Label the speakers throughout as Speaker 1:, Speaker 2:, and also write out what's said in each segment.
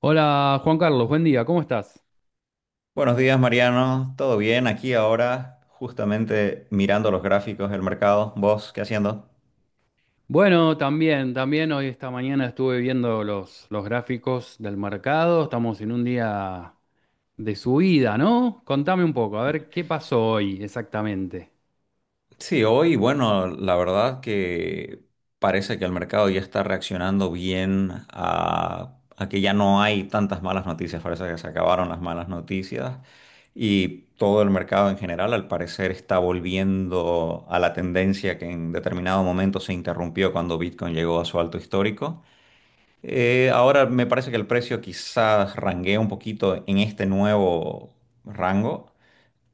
Speaker 1: Hola Juan Carlos, buen día, ¿cómo estás?
Speaker 2: Buenos días, Mariano. ¿Todo bien? Aquí ahora, justamente mirando los gráficos del mercado. ¿Vos qué haciendo?
Speaker 1: Bueno, también hoy esta mañana estuve viendo los gráficos del mercado, estamos en un día de subida, ¿no? Contame un poco, a ver qué pasó hoy exactamente.
Speaker 2: Sí, hoy, bueno, la verdad que parece que el mercado ya está reaccionando bien a que ya no hay tantas malas noticias, parece que se acabaron las malas noticias y todo el mercado en general al parecer está volviendo a la tendencia que en determinado momento se interrumpió cuando Bitcoin llegó a su alto histórico. Ahora me parece que el precio quizás ranguea un poquito en este nuevo rango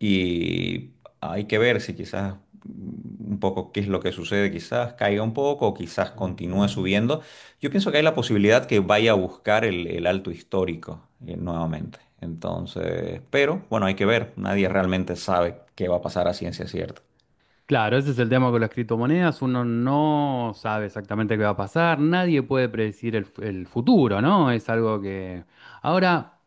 Speaker 2: y hay que ver si quizás un poco qué es lo que sucede, quizás caiga un poco o quizás continúe subiendo. Yo pienso que hay la posibilidad que vaya a buscar el alto histórico nuevamente. Entonces, pero bueno, hay que ver, nadie realmente sabe qué va a pasar a ciencia cierta.
Speaker 1: Claro, ese es el tema con las criptomonedas, uno no sabe exactamente qué va a pasar, nadie puede predecir el futuro, ¿no? Es algo que... Ahora,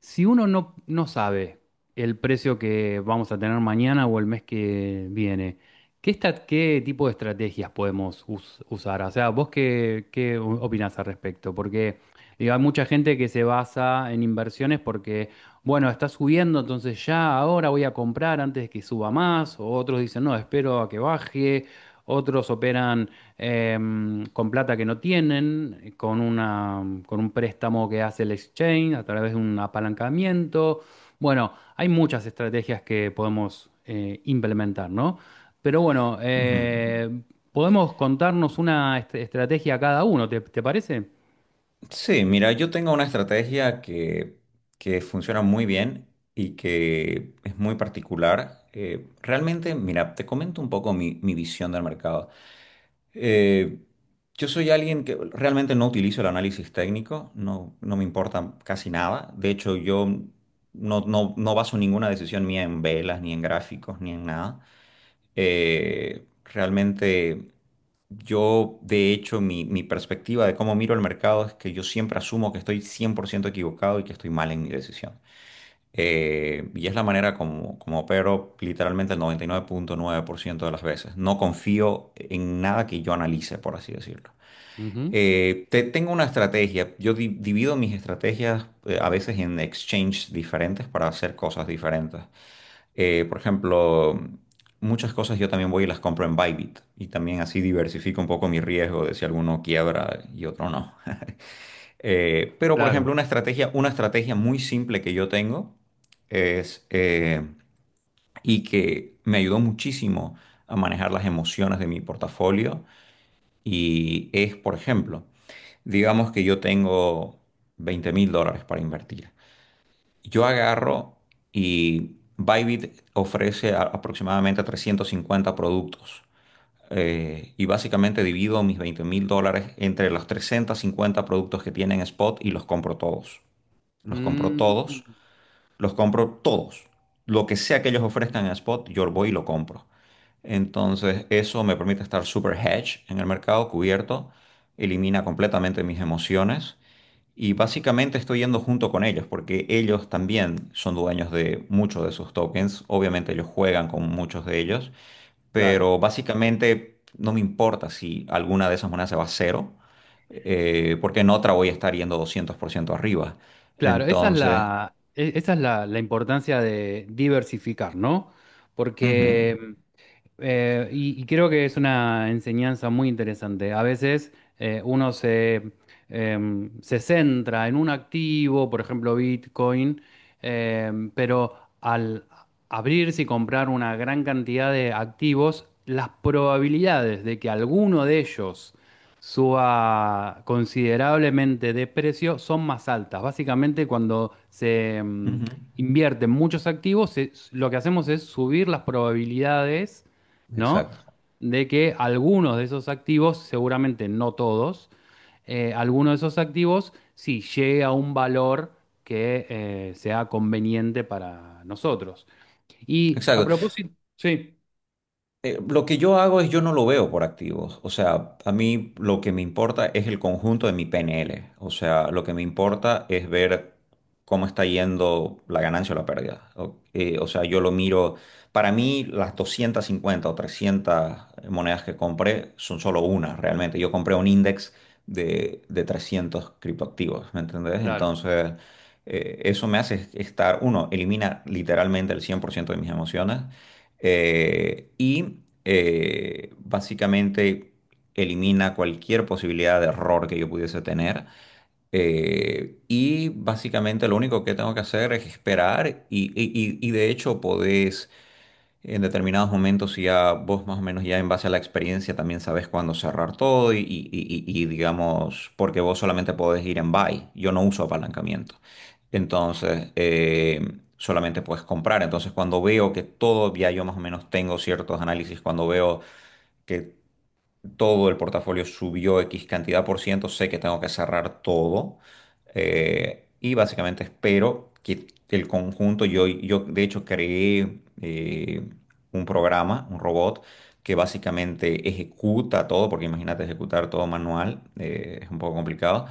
Speaker 1: si uno no sabe el precio que vamos a tener mañana o el mes que viene, ¿qué, qué tipo de estrategias podemos usar? O sea, ¿vos qué opinás al respecto? Porque digo, hay mucha gente que se basa en inversiones porque, bueno, está subiendo, entonces ya ahora voy a comprar antes de que suba más. O otros dicen, no, espero a que baje. Otros operan con plata que no tienen, con una, con un préstamo que hace el exchange a través de un apalancamiento. Bueno, hay muchas estrategias que podemos implementar, ¿no? Pero bueno, podemos contarnos una estrategia cada uno, ¿te parece?
Speaker 2: Sí, mira, yo tengo una estrategia que funciona muy bien y que es muy particular. Realmente, mira, te comento un poco mi visión del mercado. Eh, yo soy alguien que realmente no utilizo el análisis técnico, no, no me importa casi nada. De hecho, yo no baso ninguna decisión mía en velas, ni en gráficos, ni en nada. Realmente yo, de hecho, mi perspectiva de cómo miro el mercado es que yo siempre asumo que estoy 100% equivocado y que estoy mal en mi decisión. Y es la manera como opero literalmente el noventa y nueve nueve punto nueve por ciento de las veces. No confío en nada que yo analice, por así decirlo.
Speaker 1: Ujú.
Speaker 2: Tengo una estrategia. Yo divido mis estrategias a veces en exchanges diferentes para hacer cosas diferentes. Por ejemplo, muchas cosas yo también voy y las compro en Bybit y también así diversifico un poco mi riesgo de si alguno quiebra y otro no. Pero por ejemplo,
Speaker 1: Claro.
Speaker 2: una estrategia muy simple que yo tengo es y que me ayudó muchísimo a manejar las emociones de mi portafolio y es, por ejemplo, digamos que yo tengo 20 mil dólares para invertir. Yo agarro y Bybit ofrece aproximadamente 350 productos. Y básicamente divido mis 20 mil dólares entre los 350 productos que tienen Spot y los compro todos. Los compro todos,
Speaker 1: Mm,
Speaker 2: los compro todos. Lo que sea que ellos ofrezcan en Spot, yo voy y lo compro. Entonces, eso me permite estar super hedge en el mercado, cubierto, elimina completamente mis emociones y básicamente estoy yendo junto con ellos, porque ellos también son dueños de muchos de sus tokens. Obviamente ellos juegan con muchos de ellos,
Speaker 1: claro.
Speaker 2: pero básicamente no me importa si alguna de esas monedas se va a cero, porque en otra voy a estar yendo 200% arriba.
Speaker 1: Claro, esa es
Speaker 2: Entonces,
Speaker 1: la, la importancia de diversificar, ¿no? Sí.
Speaker 2: ujú,
Speaker 1: Porque... y creo que es una enseñanza muy interesante. A veces uno se centra en un activo, por ejemplo Bitcoin, pero al abrirse y comprar una gran cantidad de activos, las probabilidades de que alguno de ellos suba considerablemente de precio son más altas. Básicamente cuando
Speaker 2: ujú,
Speaker 1: invierte en muchos activos, se- lo que hacemos es subir las probabilidades, ¿no?
Speaker 2: exacto.
Speaker 1: De que algunos de esos activos, seguramente no todos, algunos de esos activos sí llegue a un valor que sea conveniente para nosotros. Y a
Speaker 2: Exacto.
Speaker 1: propósito, sí,
Speaker 2: Lo que yo hago es yo no lo veo por activos. O sea, a mí lo que me importa es el conjunto de mi PNL. O sea, lo que me importa es ver cómo está yendo la ganancia o la pérdida. O sea, yo lo miro. Para mí, las 250 o 300 monedas que compré son solo una, realmente. Yo compré un index de 300 criptoactivos, ¿me entendés?
Speaker 1: claro.
Speaker 2: Entonces, eso me hace estar, uno, elimina literalmente el 100% de mis emociones básicamente elimina cualquier posibilidad de error que yo pudiese tener. Y básicamente lo único que tengo que hacer es esperar y de hecho podés en determinados momentos y ya vos más o menos ya en base a la experiencia también sabes cuándo cerrar todo y digamos, porque vos solamente podés ir en buy, yo no uso apalancamiento. Entonces, solamente puedes comprar. Entonces, cuando veo que todo, ya yo más o menos tengo ciertos análisis, cuando veo que todo el portafolio subió X cantidad por ciento, sé que tengo que cerrar todo y básicamente espero que el conjunto, yo de hecho creé un programa, un robot que básicamente ejecuta todo, porque imagínate ejecutar todo manual, es un poco complicado.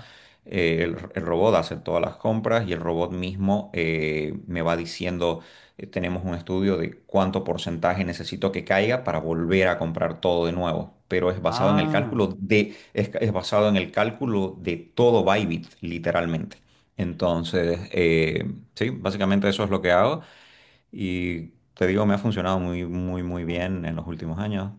Speaker 2: El robot hace todas las compras y el robot mismo me va diciendo tenemos un estudio de cuánto porcentaje necesito que caiga para volver a comprar todo de nuevo. Pero es basado en el
Speaker 1: Ah,
Speaker 2: cálculo de, es basado en el cálculo de todo Bybit, literalmente. Entonces, sí, básicamente eso es lo que hago. Y te digo, me ha funcionado muy, muy, muy bien en los últimos años.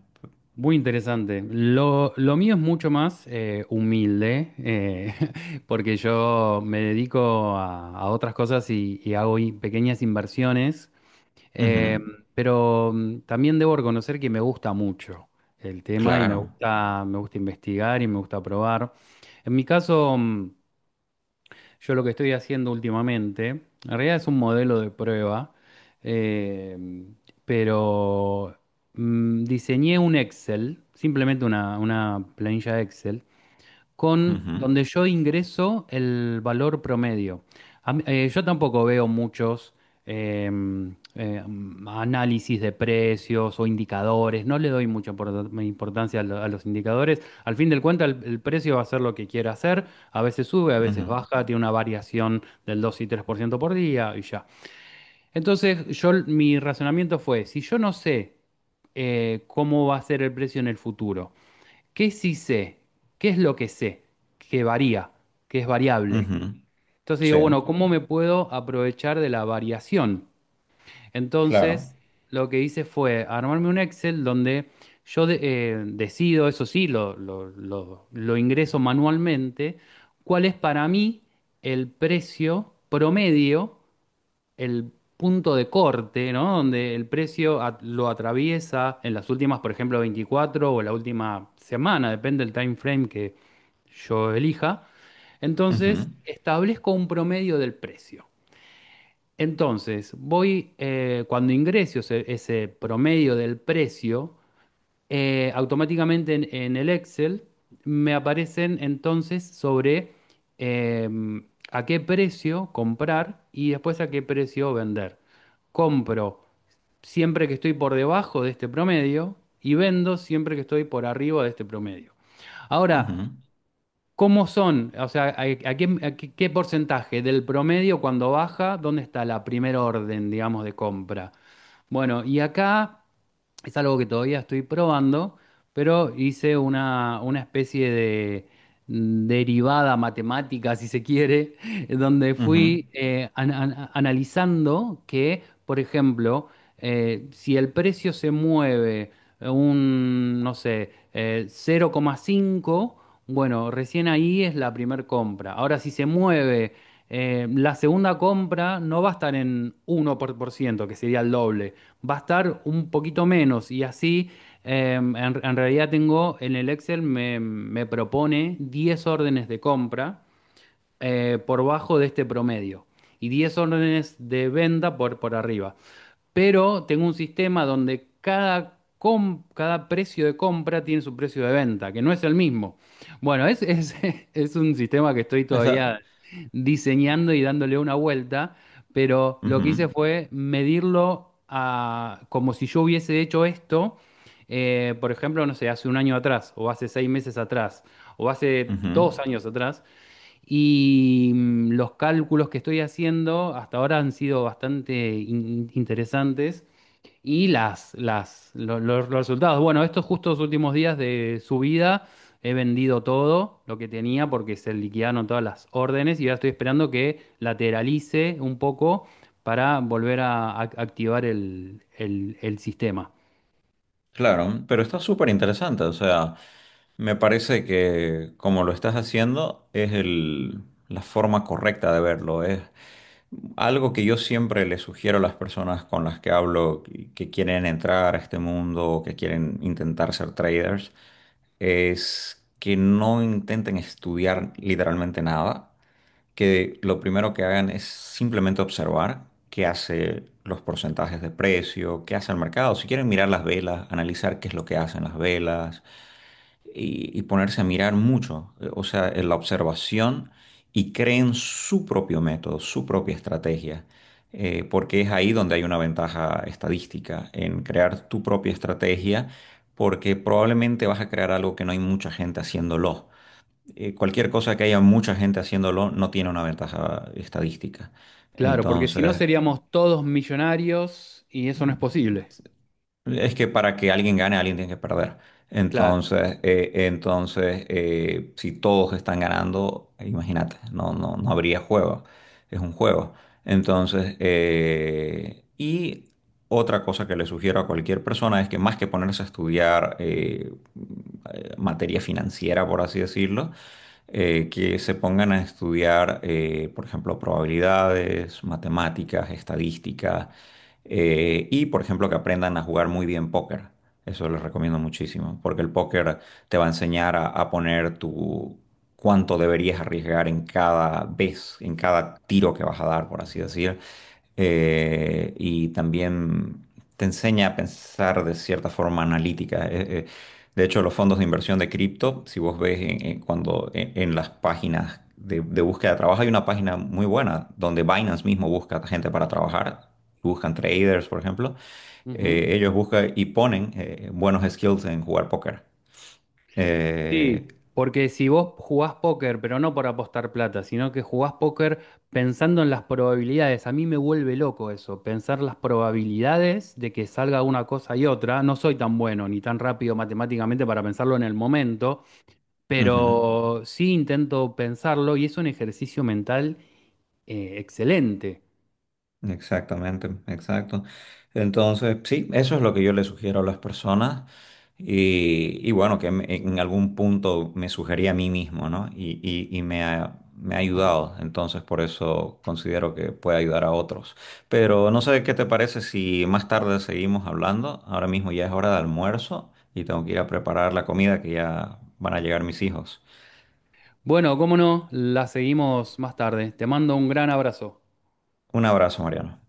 Speaker 1: muy interesante. Lo mío es mucho más humilde, porque yo me dedico a, otras cosas y, hago pequeñas inversiones. Eh,
Speaker 2: Ujú,
Speaker 1: pero también debo reconocer que me gusta mucho el tema y me
Speaker 2: claro.
Speaker 1: gusta, me gusta investigar y me gusta probar. En mi caso, yo lo que estoy haciendo últimamente, en realidad es un modelo de prueba, eh, pero diseñé un Excel, simplemente una planilla Excel, con
Speaker 2: Ujú,
Speaker 1: donde yo ingreso el valor promedio. Yo tampoco veo muchos eh, eh, análisis de precios o indicadores, no le doy mucha importancia a, a los indicadores. Al fin del cuenta, el precio va a ser lo que quiera hacer, a veces sube, a veces
Speaker 2: ujú,
Speaker 1: baja, tiene una variación del 2 y 3% por ciento por día y ya. Entonces, yo, mi razonamiento fue, si yo no sé cómo va a ser el precio en el futuro. ¿Qué sí sé? ¿Qué es lo que sé? Que varía, que es variable.
Speaker 2: ujú.
Speaker 1: Entonces
Speaker 2: Sí,
Speaker 1: digo, bueno, ¿cómo me puedo aprovechar de la variación?
Speaker 2: claro.
Speaker 1: Entonces, lo que hice fue armarme un Excel donde yo decido, eso sí, lo ingreso manualmente, cuál es para mí el precio promedio, el punto de corte, ¿no? Donde el precio lo atraviesa en las últimas, por ejemplo, 24 o la última semana, depende del time frame que yo elija. Entonces,
Speaker 2: Ujú,
Speaker 1: establezco un promedio del precio. Entonces, voy, cuando ingreso ese promedio del precio, automáticamente en, el Excel me aparecen entonces sobre a qué precio comprar y después a qué precio vender. Compro siempre que estoy por debajo de este promedio y vendo siempre que estoy por arriba de este promedio. Ahora,
Speaker 2: ujú,
Speaker 1: ¿cómo son? O sea, ¿a, a qué porcentaje del promedio cuando baja? ¿Dónde está la primera orden, digamos, de compra? Bueno, y acá... Es algo que todavía estoy probando, pero hice una, especie de derivada matemática, si se quiere, donde
Speaker 2: ujú.
Speaker 1: fui analizando que, por ejemplo, si el precio se mueve no sé, 0,5, bueno, recién ahí es la primer compra. Ahora, si se mueve la segunda compra no va a estar en 1%, que sería el doble, va a estar un poquito menos y así en, realidad tengo en el Excel me propone 10 órdenes de compra por bajo de este promedio y 10 órdenes de venta por, arriba, pero tengo un sistema donde cada precio de compra tiene su precio de venta, que no es el mismo. Bueno, es un sistema que estoy
Speaker 2: Está-
Speaker 1: todavía diseñando y dándole una vuelta, pero lo
Speaker 2: ujú,
Speaker 1: que hice fue medirlo como si yo hubiese hecho esto, por ejemplo, no sé, hace un año atrás, o hace 6 meses atrás, o hace
Speaker 2: ujú.
Speaker 1: 2 años atrás, y los cálculos que estoy haciendo hasta ahora han sido bastante interesantes. Y las, lo- los resultados. Bueno, estos justos últimos días de subida he vendido todo lo que tenía porque se liquidaron todas las órdenes y ahora estoy esperando que lateralice un poco para volver a, activar el sistema.
Speaker 2: Claro, pero está súper interesante, o sea, me parece que como lo estás haciendo la forma correcta de verlo, es algo que yo siempre le sugiero a las personas con las que hablo y que quieren entrar a este mundo o que quieren intentar ser traders, es que no intenten estudiar literalmente nada, que lo primero que hagan es simplemente observar qué hace los porcentajes de precio, qué hace el mercado. Si quieren mirar las velas, analizar qué es lo que hacen las velas y ponerse a mirar mucho, o sea, en la observación y creen su propio método, su propia estrategia. Porque es ahí donde hay una ventaja estadística, en crear tu propia estrategia, porque probablemente vas a crear algo que no hay mucha gente haciéndolo. Cualquier cosa que haya mucha gente haciéndolo no tiene una ventaja estadística.
Speaker 1: Claro, porque si no
Speaker 2: Entonces,
Speaker 1: seríamos todos millonarios y eso no es posible.
Speaker 2: es que para que alguien gane, alguien tiene que perder.
Speaker 1: Claro.
Speaker 2: Entonces, si todos están ganando, imagínate, no habría juego. Es un juego. Y otra cosa que le sugiero a cualquier persona es que más que ponerse a estudiar materia financiera, por así decirlo, que se pongan a estudiar, por ejemplo, probabilidades, matemáticas, estadísticas, y, por ejemplo, que aprendan a jugar muy bien póker. Eso les recomiendo muchísimo, porque el póker te va a enseñar a poner tu cuánto deberías arriesgar en cada vez, en cada tiro que vas a dar, por así decir. Y también te enseña a pensar de cierta forma analítica. De hecho, los fondos de inversión de cripto, si vos ves cuando en las páginas de búsqueda de trabajo, hay una página muy buena donde Binance mismo busca gente para trabajar, buscan traders, por ejemplo.
Speaker 1: Ujú.
Speaker 2: Ellos buscan y ponen buenos skills en jugar póker. Eh,
Speaker 1: Sí, porque si vos jugás póker, pero no por apostar plata, sino que jugás póker pensando en las probabilidades, a mí me vuelve loco eso, pensar las probabilidades de que salga una cosa y otra. No soy tan bueno ni tan rápido matemáticamente para pensarlo en el momento,
Speaker 2: ujú.
Speaker 1: pero sí intento pensarlo y es un ejercicio mental excelente.
Speaker 2: Exactamente, exacto. Entonces, sí, eso es lo que yo le sugiero a las personas y bueno, que en algún punto me sugerí a mí mismo, ¿no? Y me ha ayudado, entonces por eso considero que puede ayudar a otros. Pero no sé qué te parece si más tarde seguimos hablando, ahora mismo ya es hora de almuerzo y tengo que ir a preparar la comida que ya van a llegar mis hijos.
Speaker 1: Bueno, cómo no, la seguimos más tarde. Te mando un gran abrazo.
Speaker 2: Un abrazo, Mariano.